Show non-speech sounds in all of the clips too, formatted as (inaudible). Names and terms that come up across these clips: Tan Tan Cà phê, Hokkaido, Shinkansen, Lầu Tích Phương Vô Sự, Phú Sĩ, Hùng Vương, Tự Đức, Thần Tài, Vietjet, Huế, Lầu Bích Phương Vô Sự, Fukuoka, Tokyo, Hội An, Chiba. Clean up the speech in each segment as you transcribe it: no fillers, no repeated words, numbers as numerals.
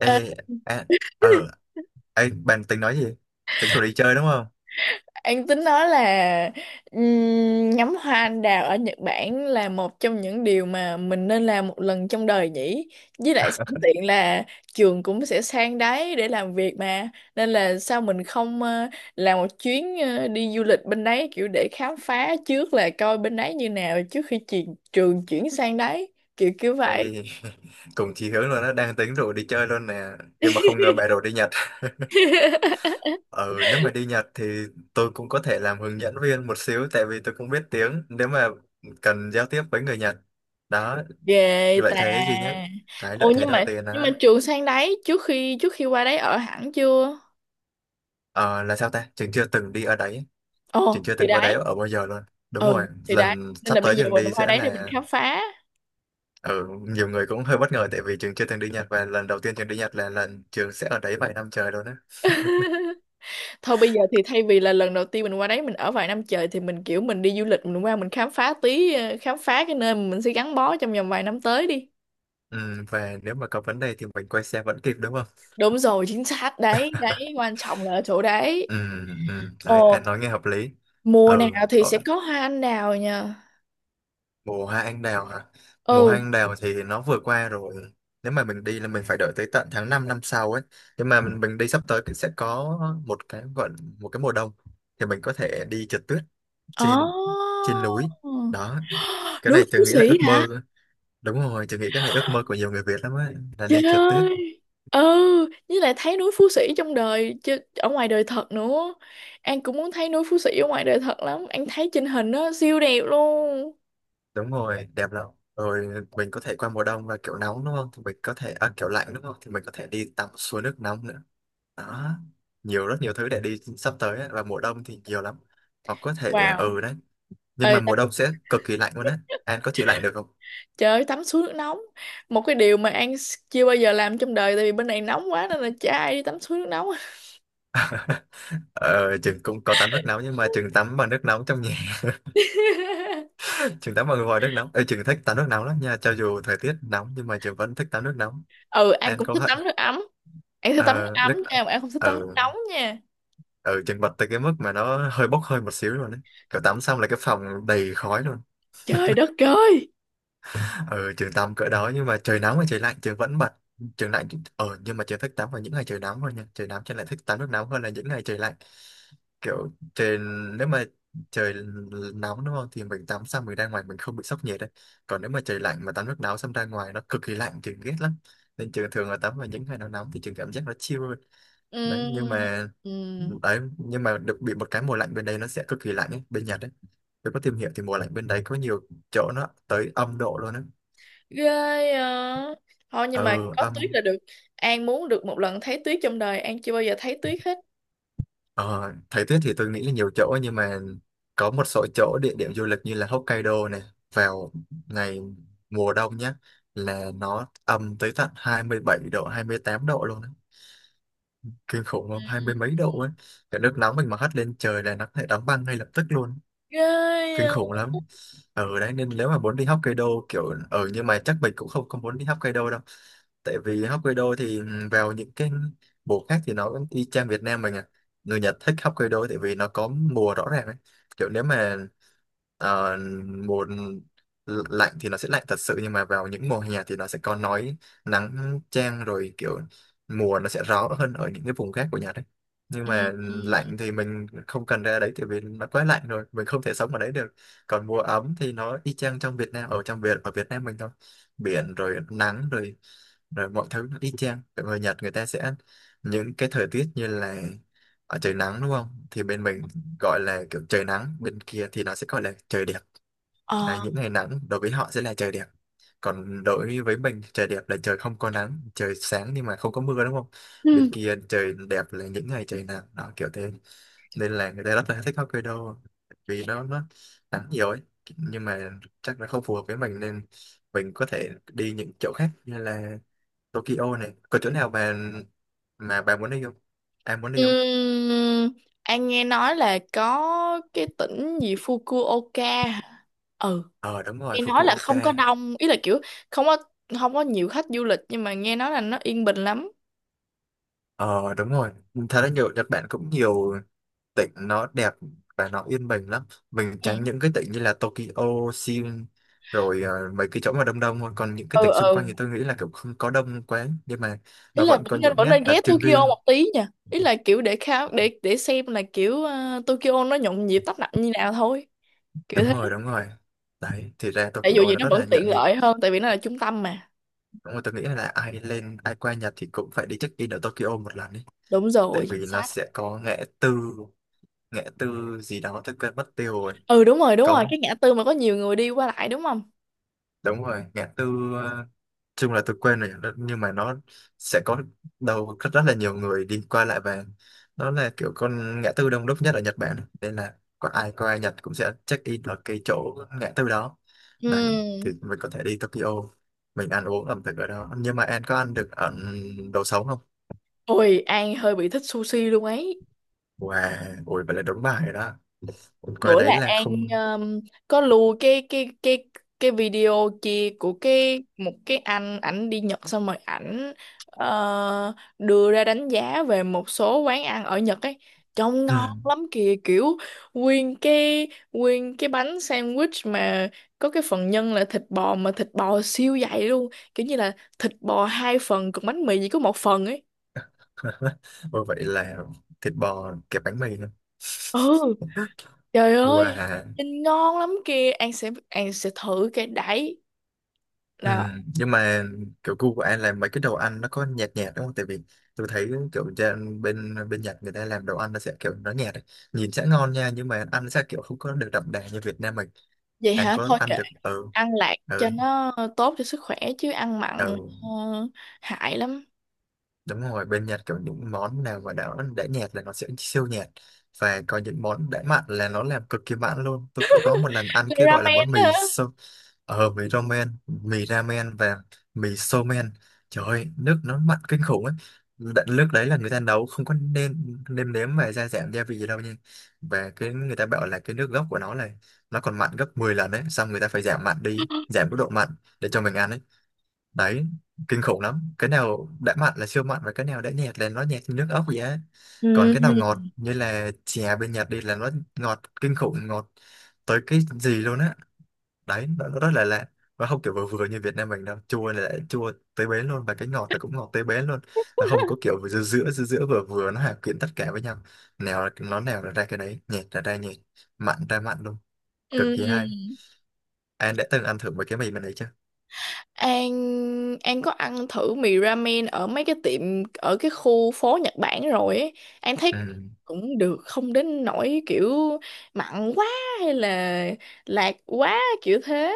Ờ, à, ờ, ê, bạn tính nói gì? Tính rủ đi chơi đúng không? anh tính nói là ngắm hoa anh đào ở Nhật Bản là một trong những điều mà mình nên làm một lần trong đời nhỉ. Với lại sẵn (laughs) tiện là trường cũng sẽ sang đấy để làm việc mà. Nên là sao mình không làm một chuyến đi du lịch bên đấy kiểu để khám phá trước là coi bên đấy như nào trước khi trường chuyển sang đấy. Kiểu kiểu vậy. Ê, cùng chí hướng luôn đó, đang tính rủ đi chơi luôn nè. Nhưng mà không ngờ bạn rủ đi Nhật. (laughs) Ừ, nếu mà đi Nhật thì tôi cũng có thể làm hướng dẫn viên một xíu, tại vì tôi cũng biết tiếng, nếu mà cần giao tiếp với người Nhật. Đó, Ghê lợi ta. thế duy nhất. Cái lợi Ồ thế nhưng đầu mà tiên nhưng đó, mà trường sang đấy trước khi qua đấy ở hẳn chưa? ờ, là sao ta? Trường chưa từng đi ở đấy, trường Ồ, chưa thì từng qua đấy đấy. ở bao giờ luôn. Đúng Ừ, rồi, thì đấy. lần Nên sắp là bây tới giờ trường đi mình qua sẽ đấy để mình là khám phá. Ừ, nhiều người cũng hơi bất ngờ tại vì Trường chưa từng đi Nhật và lần đầu tiên Trường đi Nhật là lần Trường sẽ ở đấy vài năm trời luôn á. (laughs) (laughs) Thôi bây giờ thì thay vì là lần đầu tiên mình qua đấy mình ở vài năm trời thì mình kiểu mình đi du lịch mình qua mình khám phá tí khám phá cái nơi mà mình sẽ gắn bó trong vòng vài năm tới đi. Ừ, và nếu mà có vấn đề thì mình quay xe vẫn kịp đúng không? Đúng rồi, chính xác đấy, đấy (laughs) quan trọng là ở chỗ Ừ, đấy. ừ, đấy, anh Ồ, nói nghe hợp lý. mùa Ừ, nào thì ờ, sẽ có hoa anh đào nha. mùa hoa anh đào hả? Mùa hoa Ừ. anh đào thì nó vừa qua rồi. Nếu mà mình đi là mình phải đợi tới tận tháng 5 năm sau ấy. Nhưng mà mình đi sắp tới thì sẽ có một cái gọi một cái mùa đông thì mình có thể đi trượt tuyết Ồ. trên trên núi. Đó, cái Núi này Phú Tường nghĩ là ước Sĩ hả? mơ. Đúng rồi, tôi nghĩ cái này ước mơ của nhiều người Việt lắm ấy, là Trời đi trượt tuyết. ơi. Ừ, với lại thấy núi Phú Sĩ trong đời chứ ở ngoài đời thật nữa. An cũng muốn thấy núi Phú Sĩ ở ngoài đời thật lắm, An thấy trên hình nó siêu đẹp luôn. Đúng rồi, đẹp lắm. Rồi mình có thể qua mùa đông và kiểu nóng đúng không? Thì mình có thể, à, kiểu lạnh đúng không? Thì mình có thể đi tắm suối nước nóng nữa. Đó, nhiều rất nhiều thứ để đi sắp tới ấy. Và mùa đông thì nhiều lắm. Hoặc có thể, à, Wow. ừ đấy. Nhưng Ê, mà tắm, mùa đông sẽ cực kỳ lạnh luôn á. An có chịu lạnh được không? trời ơi, tắm suối nước nóng. Một cái điều mà chưa bao giờ làm trong đời. Tại vì bên này nóng quá nên là chả ai đi tắm suối nước nóng. Ờ, Trường cũng có tắm nước nóng nhưng mà Trường tắm bằng nước nóng trong nhà. (laughs) (laughs) Trường tắm bằng vòi nước nóng. Ờ, Trường thích tắm nước nóng lắm nha. Cho dù thời tiết nóng nhưng mà Trường vẫn thích tắm nước nóng. Ừ, An An cũng có thích vậy? tắm nước ấm. An thích tắm nước Ờ, ấm nước... nha mà An không thích tắm nước Ừ, nóng nha. ừ chật vật tới cái mức mà nó hơi bốc hơi một xíu luôn đấy, kiểu tắm xong là cái phòng đầy khói luôn. Trời đất ơi. Ừ, trường tắm cỡ đó nhưng mà trời nắng và trời lạnh trường vẫn bật. Trường lạnh. Ờ, nhưng mà trường thích tắm vào những ngày trời nóng hơn nha, trời nóng trường lại thích tắm nước nóng hơn là những ngày trời lạnh. Kiểu trời, nếu mà trời nóng đúng không thì mình tắm xong mình ra ngoài mình không bị sốc nhiệt đấy. Còn nếu mà trời lạnh mà tắm nước nóng xong ra ngoài nó cực kỳ lạnh trường ghét lắm. Nên trường thường là tắm vào những ngày nó nóng thì trường cảm giác nó chill hơn. Đấy, nhưng Ừm, mà ừm. đấy nhưng mà được bị một cái mùa lạnh, bên đây nó sẽ cực kỳ lạnh ấy, bên Nhật ấy. Tôi có tìm hiểu thì mùa lạnh bên đấy có nhiều chỗ nó tới âm độ luôn á. Ghê. À, thôi nhưng mà Ừ, có tuyết âm. là được. An muốn được một lần thấy tuyết trong đời, An chưa bao giờ thấy tuyết hết. Ờ, thời tiết thì tôi nghĩ là nhiều chỗ nhưng mà có một số chỗ địa điểm du lịch như là Hokkaido này, vào ngày mùa đông nhá, là nó âm tới tận 27 độ, 28 độ luôn á. Kinh khủng Ừ. không, hai mươi mấy độ ấy. Cái nước nóng mình mà hất lên trời là nó có thể đóng băng ngay lập tức luôn. Ghê. Kinh À. khủng lắm ở đấy. Nên nếu mà muốn đi Hokkaido, kiểu ở, nhưng mà chắc mình cũng không không muốn đi Hokkaido đâu. Tại vì Hokkaido thì vào những cái mùa khác thì nó cũng y chang Việt Nam mình à. Người Nhật thích Hokkaido tại vì nó có mùa rõ ràng ấy. Kiểu nếu mà ờ, mùa lạnh thì nó sẽ lạnh thật sự, nhưng mà vào những mùa hè thì nó sẽ có nói nắng chang rồi, kiểu mùa nó sẽ rõ hơn ở những cái vùng khác của Nhật đấy. Nhưng Ừ. mà Ừ. lạnh thì mình không cần ra đấy tại vì nó quá lạnh rồi, mình không thể sống ở đấy được. Còn mùa ấm thì nó y chang trong Việt Nam, ở trong Việt ở Việt Nam mình thôi, biển rồi nắng rồi rồi mọi thứ nó y chang. Còn người Nhật người ta sẽ những cái thời tiết như là ở trời nắng đúng không thì bên mình gọi là kiểu trời nắng, bên kia thì nó sẽ gọi là trời đẹp. Đấy, Ờ. những ngày nắng đối với họ sẽ là trời đẹp, còn đối với mình trời đẹp là trời không có nắng, trời sáng nhưng mà không có mưa đúng không. Bên Ừ. kia trời đẹp là những ngày trời nắng đó, kiểu thế. Nên là người ta rất là thích hot cây đô vì nó nắng nhiều ấy. Nhưng mà chắc là không phù hợp với mình, nên mình có thể đi những chỗ khác như là Tokyo này, có chỗ nào mà bà muốn đi không, em muốn đi không? Ừm, An nghe nói là có cái tỉnh gì Fukuoka hả? Ừ, Ờ đúng rồi, nghe nói là không Fukuoka. có đông, ý là kiểu không có, không có nhiều khách du lịch nhưng mà nghe nói là nó yên bình lắm. Ờ đúng rồi, thật ra nhiều Nhật Bản cũng nhiều tỉnh nó đẹp và nó yên bình lắm. Mình Ừ. tránh những cái tỉnh như là Tokyo, Seoul rồi mấy cái chỗ mà đông đông thôi, còn những cái Ừ. tỉnh xung quanh Ừ, thì tôi nghĩ là kiểu không có đông quá, nhưng mà ý nó là vẫn vẫn có nên những vẫn nét nên đặc ghé trưng Tokyo riêng. một tí nha, ý là kiểu để khám để xem là kiểu Tokyo nó nhộn nhịp tấp nập như nào thôi, kiểu Đúng thế. rồi đúng rồi. Đấy thì ra Tại dù Tokyo gì nó nó rất vẫn là nhộn tiện nhịp. lợi hơn tại vì nó là trung tâm mà. Đúng rồi, tôi nghĩ là ai lên ai qua Nhật thì cũng phải đi check in ở Tokyo một lần đi. Đúng Tại rồi. vì nó Sát. sẽ có ngã tư, ngã tư gì đó tôi quên mất tiêu rồi. Ừ, đúng rồi, đúng rồi, Có, cái ngã tư mà có nhiều người đi qua lại đúng không. đúng rồi ngã tư, ờ, chung là tôi quen rồi, nhưng mà nó sẽ có đầu rất, rất là nhiều người đi qua lại, và nó là kiểu con ngã tư đông đúc nhất ở Nhật Bản, nên là có ai qua Nhật cũng sẽ check in ở cái chỗ ngã tư đó Ừ. này. Thì mình có thể đi Tokyo, mình ăn uống ẩm thực ở đó, nhưng mà em có ăn được ở đồ sống không? Ôi, An hơi bị thích sushi luôn ấy. Wow, ui vậy là đúng bài rồi đó. Ui, coi Bữa đấy là là An, không. um, có lưu cái video kia của cái một cái anh, ảnh đi Nhật xong rồi ảnh đưa ra đánh giá về một số quán ăn ở Nhật ấy, trông Ừ. ngon lắm kìa, kiểu nguyên cái bánh sandwich mà có cái phần nhân là thịt bò mà thịt bò siêu dày luôn, kiểu như là thịt bò hai phần còn bánh mì chỉ có một phần ấy. (laughs) Ui vậy là thịt bò kẹp bánh mì nữa. Ừ, trời (laughs) ơi, Wow. nhìn ngon lắm kìa, An sẽ thử cái đấy. Ừ. Đó. Nhưng mà kiểu gu của anh là mấy cái đồ ăn nó có nhạt nhạt đúng không? Tại vì tôi thấy kiểu trên bên bên Nhật người ta làm đồ ăn nó sẽ kiểu nó nhạt ấy. Nhìn sẽ ngon nha nhưng mà ăn sẽ kiểu không có được đậm đà như Việt Nam mình. Vậy Anh hả? có Thôi ăn kệ, được ừ ăn lạc ừ cho nó tốt cho sức khỏe chứ ăn mặn ừ. Hại lắm. Đúng rồi, bên Nhật có những món nào mà đã nhạt là nó sẽ siêu nhạt, và có những món đã mặn là nó làm cực kỳ mặn luôn. Tôi có một lần ăn cái gọi là Ramen món mì hả? so, ờ, mì ramen và mì somen. Trời ơi, nước nó mặn kinh khủng ấy. Đ- Nước đấy là người ta nấu không có nêm nêm nếm và gia giảm gia vị gì đâu nha. Và cái người ta bảo là cái nước gốc của nó là nó còn mặn gấp 10 lần đấy, xong người ta phải giảm mặn đi, giảm mức độ mặn để cho mình ăn ấy. Đấy, kinh khủng lắm, cái nào đã mặn là siêu mặn và cái nào đã nhạt là nó nhạt như nước ốc vậy á. Còn Ừ. cái nào ngọt như là chè bên Nhật đi là nó ngọt kinh khủng, ngọt tới cái gì luôn á. Đấy, nó rất là lạ, nó không kiểu vừa vừa như Việt Nam mình đâu. Chua là đã chua tới bến luôn và cái ngọt là cũng ngọt tới bến luôn. Nó không có kiểu giữa giữa giữa giữa vừa vừa nó hòa quyện tất cả với nhau. Nào là- nó nào là ra cái đấy, nhạt là ra nhạt, mặn ra mặn luôn. Ừ, Cực kỳ hay. Anh đã từng ăn thử mấy cái mì mình đấy chưa? An An có ăn thử mì ramen ở mấy cái tiệm ở cái khu phố Nhật Bản rồi ấy. An thấy Ừ. cũng được, không đến nỗi kiểu mặn quá hay là lạc quá kiểu thế.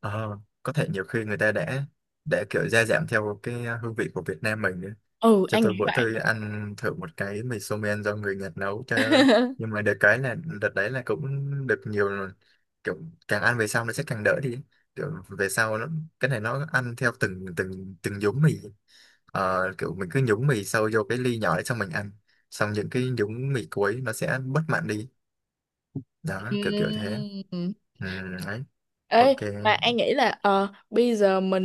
Ờ, có thể nhiều khi người ta đã kiểu gia giảm theo cái hương vị của Việt Nam mình nữa. Ừ, Cho An tôi nghĩ bữa vậy. tôi ăn thử một cái mì somen men do người Nhật nấu, trời ơi. Nhưng (laughs) mà được cái là đợt đấy là cũng được nhiều rồi. Kiểu càng ăn về sau nó sẽ càng đỡ đi. Kiểu về sau nó cái này nó ăn theo từng từng từng nhúng mì. Ờ, kiểu mình cứ nhúng mì sâu vô cái ly nhỏ đấy xong mình ăn. Xong những cái nhúng mì cuối nó sẽ bớt mặn đi. Đó, kiểu kiểu thế. Ừm. Ừ, đấy. Ok. Ê, mà An nghĩ là bây giờ mình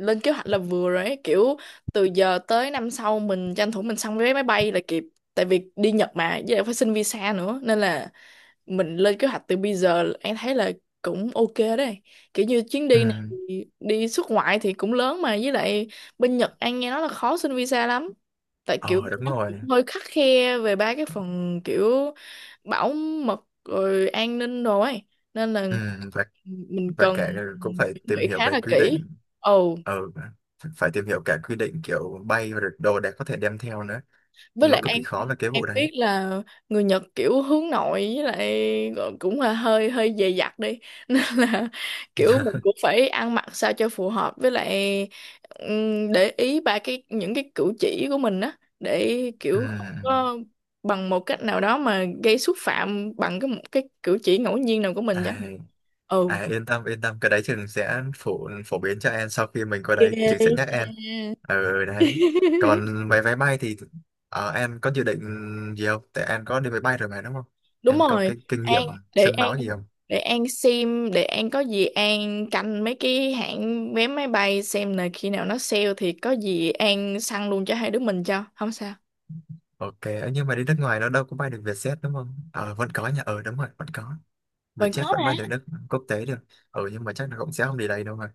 lên kế hoạch là vừa rồi ấy, kiểu từ giờ tới năm sau mình tranh thủ mình xong vé máy bay là kịp. Tại vì đi Nhật mà, với lại phải xin visa nữa. Nên là mình lên kế hoạch từ bây giờ An thấy là cũng ok đấy. Kiểu như chuyến đi này Ừ. thì đi xuất ngoại thì cũng lớn mà với lại bên Nhật An nghe nói là khó xin visa lắm. Tại kiểu Ờ, bên đúng đó cũng rồi. hơi khắt khe về ba cái phần kiểu bảo mật rồi an ninh đồ ấy. Nên là Ừ, và mình và cần cả cũng phải chuẩn tìm bị hiểu khá về là quy kỹ. định. Ồ, Ừ, phải tìm hiểu cả quy định kiểu bay và đồ để có thể đem theo nữa. với Nó lại cực em kỳ khó về cái em vụ đấy. biết là người Nhật kiểu hướng nội, với lại cũng là hơi hơi dè dặt đi (laughs) nên là kiểu mình cũng (laughs) phải ăn mặc sao cho phù hợp, với lại để ý ba cái những cái cử chỉ của mình á, để Ừ. kiểu không có bằng một cách nào đó mà gây xúc phạm bằng cái một cái cử chỉ ngẫu nhiên nào của mình vậy. à, Ừ. Yên tâm yên tâm, cái đấy trường sẽ phổ phổ biến cho em. Sau khi mình qua đấy trường sẽ nhắc Ok. em. Ừ, đấy. (laughs) Còn vé vé bay thì, em có dự định gì không? Tại em có đi máy bay rồi mà, đúng không? Đúng Em có rồi, cái kinh An nghiệm để sương An máu gì không? An xem, để An có gì An canh mấy cái hãng vé máy bay xem là khi nào nó sale thì có gì An săn luôn cho hai đứa mình cho không sao. Ok, ấy, nhưng mà đi nước ngoài nó đâu có bay được Vietjet, đúng không? Ờ, vẫn có nha. Ờ, đúng rồi, vẫn có. Mình Vietjet có vẫn mà. bay được nước quốc tế được. Ừ, nhưng mà chắc là cũng sẽ không đi đây đâu rồi.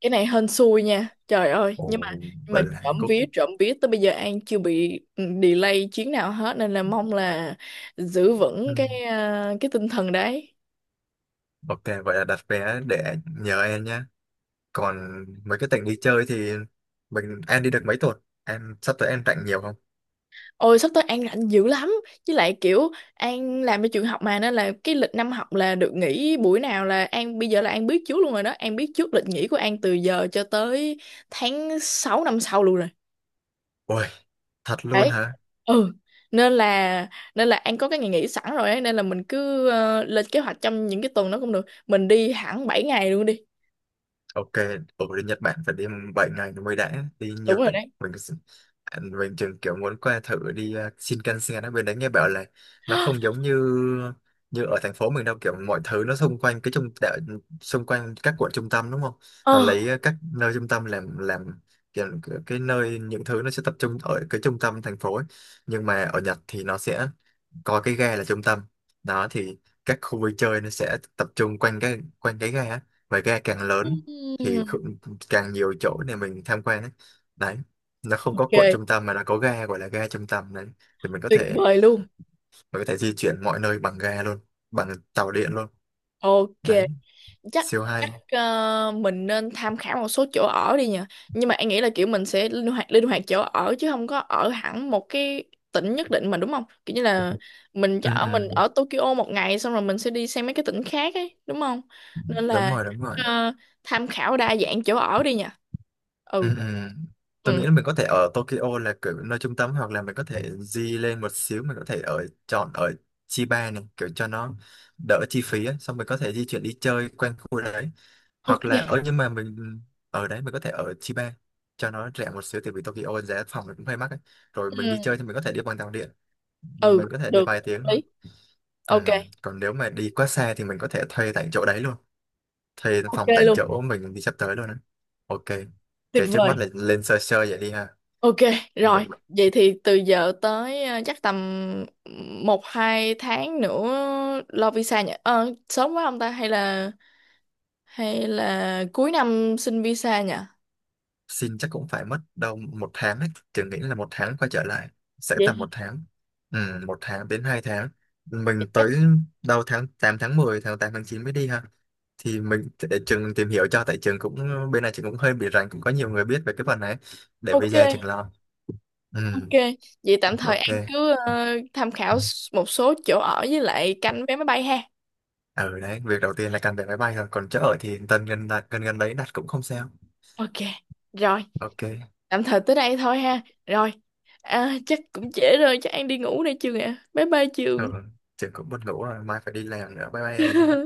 Cái này hên xui nha trời ơi. Nhưng mà Ồ, vậy là trộm Hàn Quốc. vía, trộm vía tới bây giờ An chưa bị delay chuyến nào hết nên là mong là giữ Ừ. vững cái cái tinh thần đấy. Ok, vậy là đặt vé để nhờ em nhé. Còn mấy cái tỉnh đi chơi thì mình em đi được mấy tuần? Em sắp tới em rảnh nhiều không? Ôi sắp tới An rảnh dữ lắm. Với lại kiểu An làm ở trường học mà, nên là cái lịch năm học là được nghỉ buổi nào là An, bây giờ là An biết trước luôn rồi đó, An biết trước lịch nghỉ của An từ giờ cho tới tháng 6 năm sau luôn rồi. Ôi, thật luôn Đấy. hả? Ừ. Nên là Nên là An có cái ngày nghỉ sẵn rồi ấy, nên là mình cứ lên kế hoạch trong những cái tuần đó cũng được. Mình đi hẳn 7 ngày luôn đi. Ok. Ở bên Nhật Bản phải đi 7 ngày nó mới đã, đi Đúng nhiều rồi tỉnh, đấy. mình cứ- mình chừng kiểu muốn qua thử đi Shinkansen ở bên đấy, nghe bảo là nó không (gasps) giống như như ở thành phố mình đâu. Kiểu mọi thứ nó xung quanh cái trung đạo, xung quanh các quận trung tâm, đúng không? Nó Ờ. lấy các nơi trung tâm làm kiểu cái nơi những thứ nó sẽ tập trung ở cái trung tâm thành phố ấy. Nhưng mà ở Nhật thì nó sẽ có cái ga là trung tâm đó thì các khu vui chơi nó sẽ tập trung quanh cái ga á. Và ga càng lớn thì Ừm. càng nhiều chỗ để mình tham quan ấy. Đấy, nó không có Ok, cuộn trung tâm mà nó có ga gọi là ga trung tâm đấy. Thì mình có tuyệt thể vời luôn. mình có thể di chuyển mọi nơi bằng ga luôn, bằng tàu điện luôn. Ok. Đấy, chắc siêu chắc hay. Mình nên tham khảo một số chỗ ở đi nhỉ, nhưng mà anh nghĩ là kiểu mình sẽ linh hoạt chỗ ở chứ không có ở hẳn một cái tỉnh nhất định mà, đúng không, kiểu như là mình chỉ Ừ, ở, mình ừ. ở Tokyo một ngày xong rồi mình sẽ đi sang mấy cái tỉnh khác ấy đúng không. Nên Đúng là rồi, đúng rồi. ờ, tham khảo đa dạng chỗ ở đi nhỉ. Ừ, Ừ. ừ. Tôi Ừ. nghĩ là mình có thể ở Tokyo là kiểu nơi trung tâm, hoặc là mình có thể di lên một xíu, mình có thể ở chọn ở Chiba này kiểu cho nó đỡ chi phí ấy. Xong mình có thể di chuyển đi chơi quanh khu đấy hoặc là Ok. ở, nhưng mà mình ừ, ở đấy mình có thể ở Chiba cho nó rẻ một xíu tại vì Tokyo giá phòng nó cũng hơi mắc ấy. Rồi mình đi chơi Ừ, thì mình có thể đi bằng tàu điện, ừ. mình có thể đi Được, vài tiếng hợp thôi. lý. Ừ. Ok. Còn nếu mà đi quá xa thì mình có thể thuê tại chỗ đấy luôn, thuê Ok phòng tại luôn. chỗ mình đi sắp tới luôn ấy. Ok, Tuyệt cái trước vời. mắt là lên sơ sơ vậy đi ha. Ok, Mình rồi, vậy thì từ giờ tới chắc tầm 1-2 tháng nữa lo visa nhỉ? Ờ, sớm quá không ta? Hay là cuối năm xin visa nhỉ? xin chắc cũng phải mất đâu một tháng ấy, Trường nghĩ là một tháng quay trở lại sẽ tầm Vậy một tháng. Ừ, một tháng đến 2 tháng. Mình thì chắc tới đâu tháng 8 tháng 10 tháng 8 tháng 9 mới đi ha. Thì mình để trường tìm hiểu cho, tại trường cũng bên này trường cũng hơi bị rành, cũng có nhiều người biết về cái phần này. Để bây giờ trường ok, lo. Ừ, ok. Vậy tạm thời ok. An cứ tham khảo một số chỗ ở với lại canh vé máy bay ha. Ở đấy việc đầu tiên là cần vé máy bay rồi, còn chỗ ở thì tần gần đặt gần gần đấy đặt cũng không sao. Ok, rồi, Ok. tạm thời tới đây thôi ha. Rồi, à, chắc cũng trễ rồi, chắc An đi ngủ đây chưa ạ? Bye bye Trường. Ừ, trường cũng buồn ngủ rồi, mai phải đi làm nữa, bye bye em nhé.